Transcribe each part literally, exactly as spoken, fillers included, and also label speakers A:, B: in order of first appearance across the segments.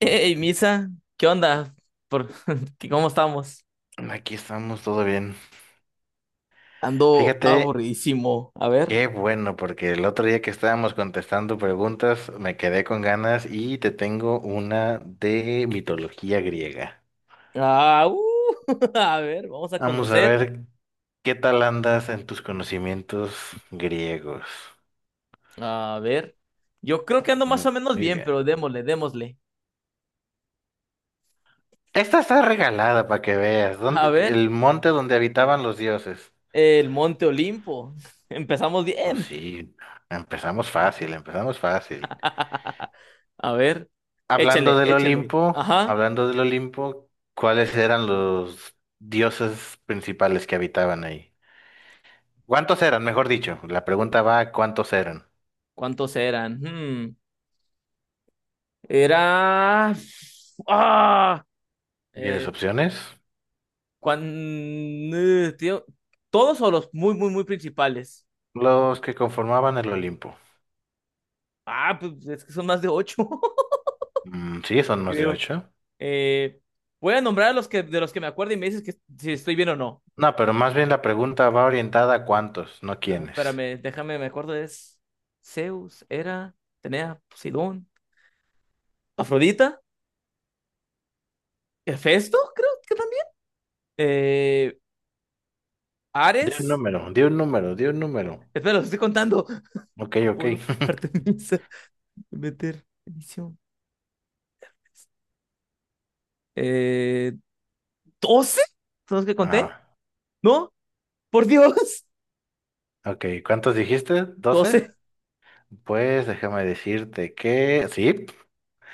A: Hey, Misa, ¿qué onda? Por... ¿qué- ¿Cómo estamos?
B: Aquí estamos, todo bien.
A: Ando
B: Fíjate,
A: aburridísimo. A ver.
B: qué bueno, porque el otro día que estábamos contestando preguntas me quedé con ganas y te tengo una de mitología griega.
A: Ah, uh, a ver, vamos a
B: Vamos a
A: conocer.
B: ver qué tal andas en tus conocimientos griegos.
A: A ver. Yo creo que ando más
B: Muy
A: o menos
B: muy
A: bien,
B: bien.
A: pero démosle, démosle.
B: Esta está regalada para que veas.
A: A
B: ¿Dónde-
A: ver,
B: el monte donde habitaban los dioses.
A: el Monte Olimpo. Empezamos
B: Pues
A: bien.
B: sí, empezamos fácil, empezamos fácil.
A: A ver,
B: Hablando
A: échale,
B: del
A: échale.
B: Olimpo,
A: Ajá.
B: hablando del Olimpo, ¿cuáles eran los dioses principales que habitaban ahí? ¿Cuántos eran, mejor dicho? La pregunta va, ¿cuántos eran?
A: ¿Cuántos eran? Hmm, era. ¡Ah!
B: ¿Quieres
A: eh,
B: opciones?
A: Cuando, eh, tío, todos o los muy, muy, muy principales.
B: Los que conformaban el Olimpo.
A: Ah, pues es que son más de ocho,
B: Mm, sí, son más de
A: creo.
B: ocho.
A: Eh, Voy a nombrar a los que, de los que me acuerdo y me dices que si estoy bien o no.
B: No, pero más bien la pregunta va orientada a cuántos, no
A: Ah,
B: quiénes.
A: espérame, déjame, me acuerdo, es Zeus, Hera, Tenea, Poseidón, Afrodita, Hefesto, creo que también. Eh,
B: Di un
A: Ares,
B: número, di un número, di un número.
A: espera, los estoy contando.
B: Ok, ok.
A: Apolo, Artemisa, Demeter, Edición. Eh, ¿doce? ¿Son los que conté?
B: Ah,
A: ¿No? Por Dios.
B: ok. ¿Cuántos dijiste?
A: Doce.
B: ¿Doce? Pues déjame decirte que sí,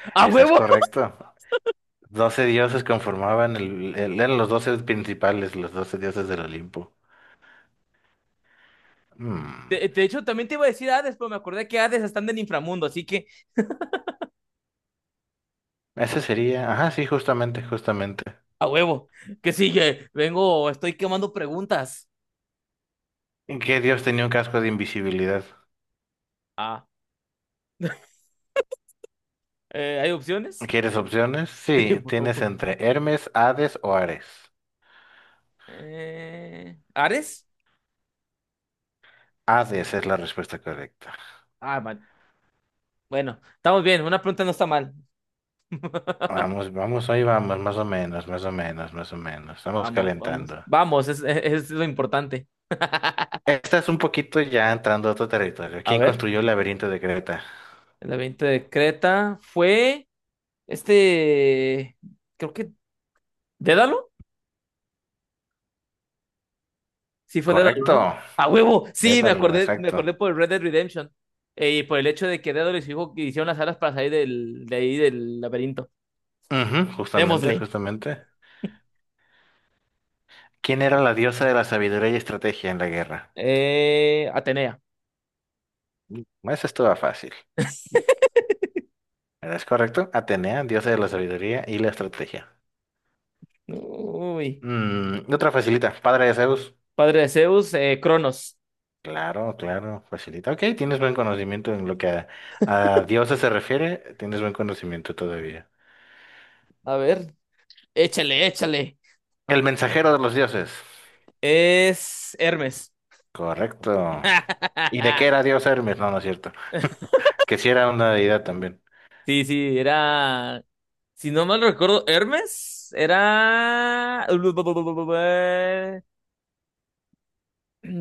A: ¡A
B: estás
A: huevo!
B: correcto. Doce dioses conformaban el, el- eran los doce principales, los doce dioses del Olimpo. Mm,
A: De, de hecho, también te iba a decir Hades, pero me acordé que Hades están del inframundo, así que
B: ese sería, ajá, sí, justamente, justamente.
A: a huevo. ¿Que sigue? Vengo, estoy quemando preguntas.
B: ¿Y qué dios tenía un casco de invisibilidad?
A: Ah, eh, ¿hay opciones?
B: ¿Quieres opciones?
A: Sí,
B: Sí,
A: por
B: tienes
A: favor.
B: entre Hermes, Hades o Ares.
A: Eh, ¿Ares?
B: Hades es la respuesta correcta.
A: Ah, man. Bueno, estamos bien, una pregunta no está mal.
B: Vamos, vamos, hoy vamos, más o menos, más o menos, más o menos. Estamos
A: Vamos, vamos,
B: calentando.
A: vamos, es, es- es lo importante.
B: Esta es un poquito ya entrando a otro territorio.
A: A
B: ¿Quién
A: ver,
B: construyó el laberinto de Creta?
A: el evento de Creta fue este, creo que, ¿Dédalo? Sí, fue Dédalo,
B: Correcto.
A: ¿no? ¡A huevo! Sí, me
B: Dédalo,
A: acordé, me
B: exacto.
A: acordé por el Red Dead Redemption. Eh, y por el hecho de que Dédalo y su hijo hicieron las alas para salir del, de ahí del laberinto.
B: Ujú, justamente,
A: Démosle.
B: justamente. ¿Quién era la diosa de la sabiduría y estrategia en la guerra?
A: Eh, Atenea.
B: Eso estaba fácil. ¿Verdad? ¿Es correcto? Atenea, diosa de la sabiduría y la estrategia.
A: Uy.
B: Mm, otra facilita, padre de Zeus.
A: Padre de Zeus, eh, Cronos.
B: Claro, claro, facilita. Ok, tienes buen conocimiento en lo que a, a dioses se refiere, tienes buen conocimiento todavía.
A: A ver. Échale, échale.
B: El mensajero de los dioses.
A: Es Hermes.
B: Correcto. ¿Y de qué era dios Hermes? No, no es cierto. Que si era una deidad también.
A: Sí, sí, era. Si no mal recuerdo, Hermes era.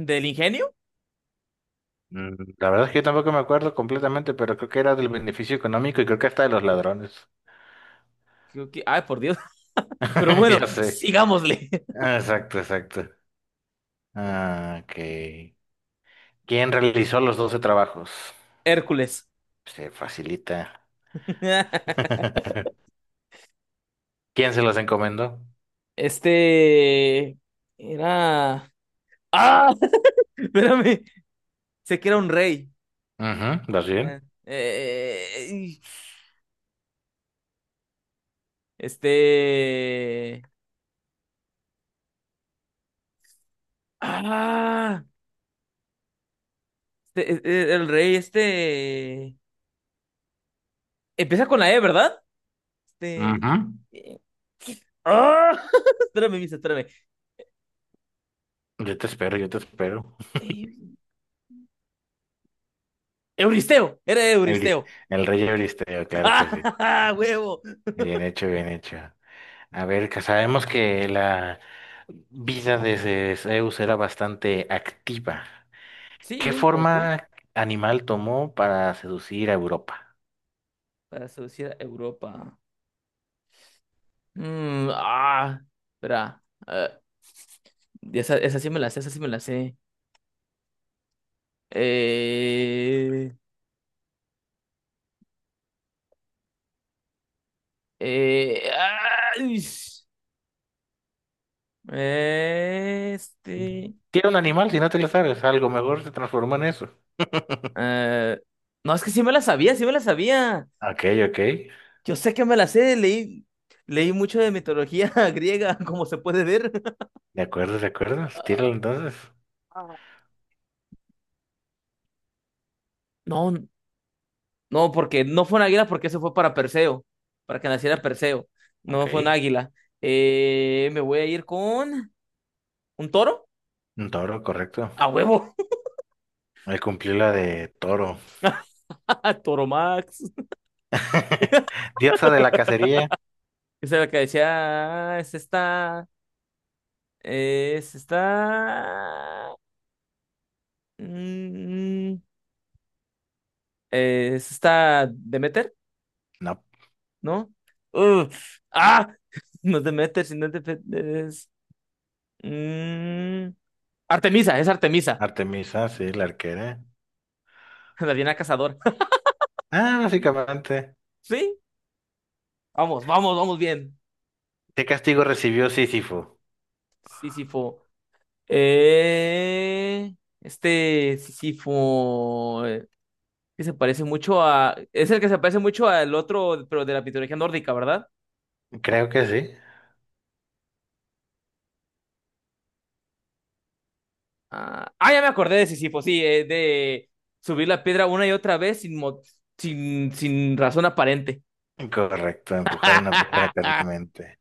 A: Del ingenio.
B: Mm, la verdad es que yo tampoco me acuerdo completamente, pero creo que era del beneficio económico y creo que hasta de los ladrones.
A: Creo que... Ay, por Dios. Pero bueno,
B: Ya sé.
A: sigámosle.
B: Ah, exacto, exacto. Ah, ok. ¿Quién realizó los doce trabajos?
A: Hércules.
B: Se facilita. ¿Quién se los encomendó?
A: Este era. ¡Ah! Espérame. Sé que era un rey.
B: Ujú, ¿vas
A: Ah,
B: bien?
A: eh, Este. ¡Ah! Este, eh, eh, el rey, este. Empieza con la E, ¿verdad?
B: Ujú.
A: Este. eh, ¡Ah! Espérame, Misa, espérame.
B: Yo te espero, yo te espero.
A: Eh, Euristeo, era
B: Euris-
A: Euristeo.
B: El rey Euristeo, claro que sí.
A: ¡Ah! ¡Huevo!
B: Bien hecho, bien hecho. A ver, que sabemos que la vida de Zeus era bastante activa. ¿Qué
A: Sí, un poco.
B: forma animal tomó para seducir a Europa?
A: Para seducir a Europa. Mm, ah, espera. Ah, esa, esa sí me la sé, esa sí me la sé. Eh, eh, ay, este.
B: Tiene un animal, si no te lo sabes, algo mejor se transformó en eso.
A: Eh, no, es que sí me la sabía, sí me la sabía.
B: Ok, ok.
A: Yo sé que me la sé, leí, leí mucho de mitología griega, como se puede ver.
B: De acuerdo, de acuerdo. Tíralo entonces.
A: Ah, no, no, porque no fue un águila, porque eso fue para Perseo, para que naciera Perseo. No fue un
B: Ok.
A: águila. Eh, me voy a ir con un toro.
B: Un toro, correcto.
A: A huevo.
B: Él cumplió la de toro.
A: Toromax.
B: Diosa de la cacería.
A: Esa era la que decía, "Ah, es esta, es esta, mm, es esta Demeter,
B: No.
A: ¿no? Uh, ah, no es Demeter, sino es, de- es, mm, Artemisa, es Artemisa,
B: Artemisa, sí, la arquera.
A: la Diana Cazadora.
B: Ah, básicamente.
A: Sí, vamos, vamos, vamos bien.
B: ¿Qué castigo recibió Sísifo?
A: Sísifo. Eh, este Sísifo. Que se parece mucho a. Es el que se parece mucho al otro, pero de la mitología nórdica, ¿verdad?
B: Creo que sí.
A: Ah, ah, ya me acordé de Sísifo, sí, eh, de subir la piedra una y otra vez sin, mo- sin, sin razón aparente.
B: Correcto, empujar una piedra eternamente.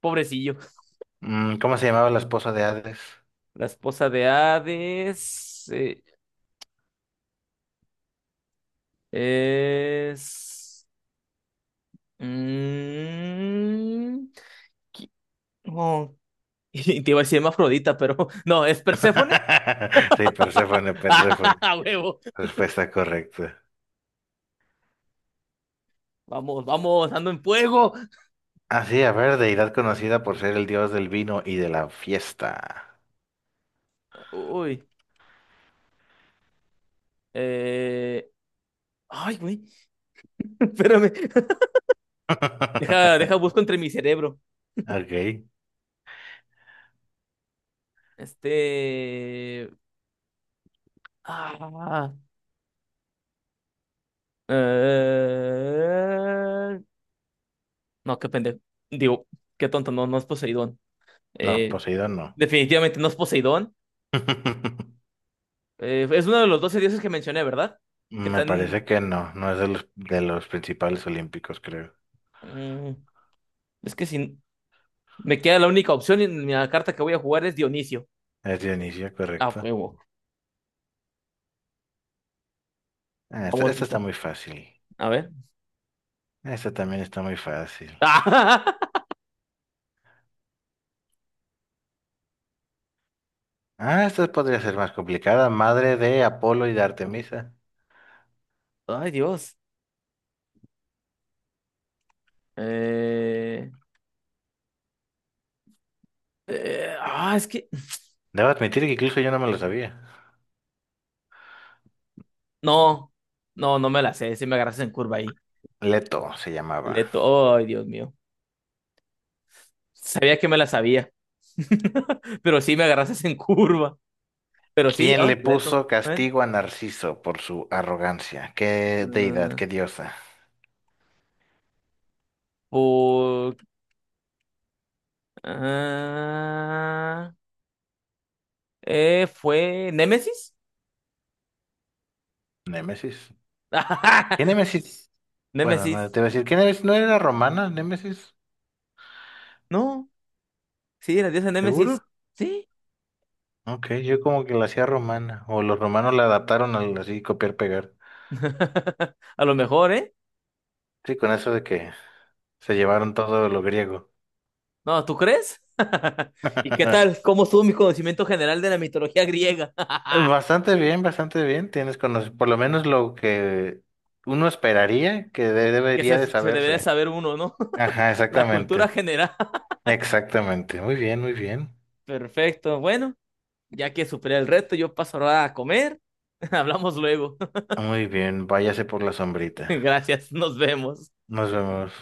A: Pobrecillo.
B: Mm, ¿cómo se llamaba la esposa de Hades?
A: La esposa de Hades eh, es. Mm, qui- no. Y te iba a decir Afrodita, pero no, es Perséfone.
B: Sí, Perséfone, Perséfone.
A: ¡Ah, huevo!
B: Respuesta correcta.
A: Vamos, vamos, ando en fuego.
B: Ah, sí, a ver, deidad conocida por ser el dios del vino y de la fiesta.
A: Uy. Eh... Ay, güey, espérame. Deja, deja, busco entre mi cerebro.
B: Ok.
A: Este. Ah. Eh... No, qué pendejo. Digo, qué tonto, no, no es Poseidón.
B: No,
A: Eh,
B: Poseidón no.
A: definitivamente no es Poseidón. Eh, es uno de los doce dioses que mencioné, ¿verdad? Que
B: Me parece
A: están.
B: que no, no es de los, de los principales olímpicos, creo.
A: mm, es que si me queda la única opción en la carta que voy a jugar es Dionisio.
B: Es Dionisio,
A: Ah,
B: correcto.
A: huevo.
B: Ah, Esta,
A: Vamos,
B: esta está
A: Misa.
B: muy fácil.
A: A ver.
B: Esta también está muy fácil. Ah, esta podría ser más complicada. Madre de Apolo y de Artemisa.
A: Ay, Dios. Eh. Eh, ah, es que.
B: Debo admitir que incluso yo no me lo sabía.
A: No, no, no me la sé. Si me agarras en curva ahí.
B: Leto se llamaba.
A: Leto, ay, Dios mío. Sabía que me la sabía. Pero sí me agarras en curva. Pero sí,
B: ¿Quién
A: ah,
B: le
A: Leto.
B: puso
A: ¿Ven?
B: castigo a Narciso por su arrogancia? ¿Qué deidad,
A: Ah,
B: qué diosa?
A: por- ah, eh, ¿fue Némesis?
B: Némesis. ¿Qué Némesis? Bueno, no
A: Némesis.
B: te voy a decir, ¿qué Némesis? ¿No era romana, Némesis?
A: No, sí, la diosa Némesis.
B: ¿Seguro?
A: Sí.
B: Ok, yo como que la hacía romana, o los romanos la adaptaron al así copiar pegar.
A: A lo mejor, ¿eh?
B: Sí, con eso de que se llevaron todo lo griego.
A: No, ¿tú crees? ¿Y qué tal? ¿Cómo estuvo mi conocimiento general de la mitología griega?
B: Bastante bien, bastante bien. Tienes conoc- por lo menos lo que uno esperaría que de-
A: Que se,
B: debería de
A: se debe de
B: saberse.
A: saber uno, ¿no?
B: Ajá,
A: La cultura
B: exactamente.
A: general.
B: Exactamente. Muy bien, muy bien.
A: Perfecto. Bueno, ya que superé el reto, yo paso ahora a comer. Hablamos luego.
B: Muy bien. Váyase por la sombrita.
A: Gracias, nos vemos.
B: Nos vemos.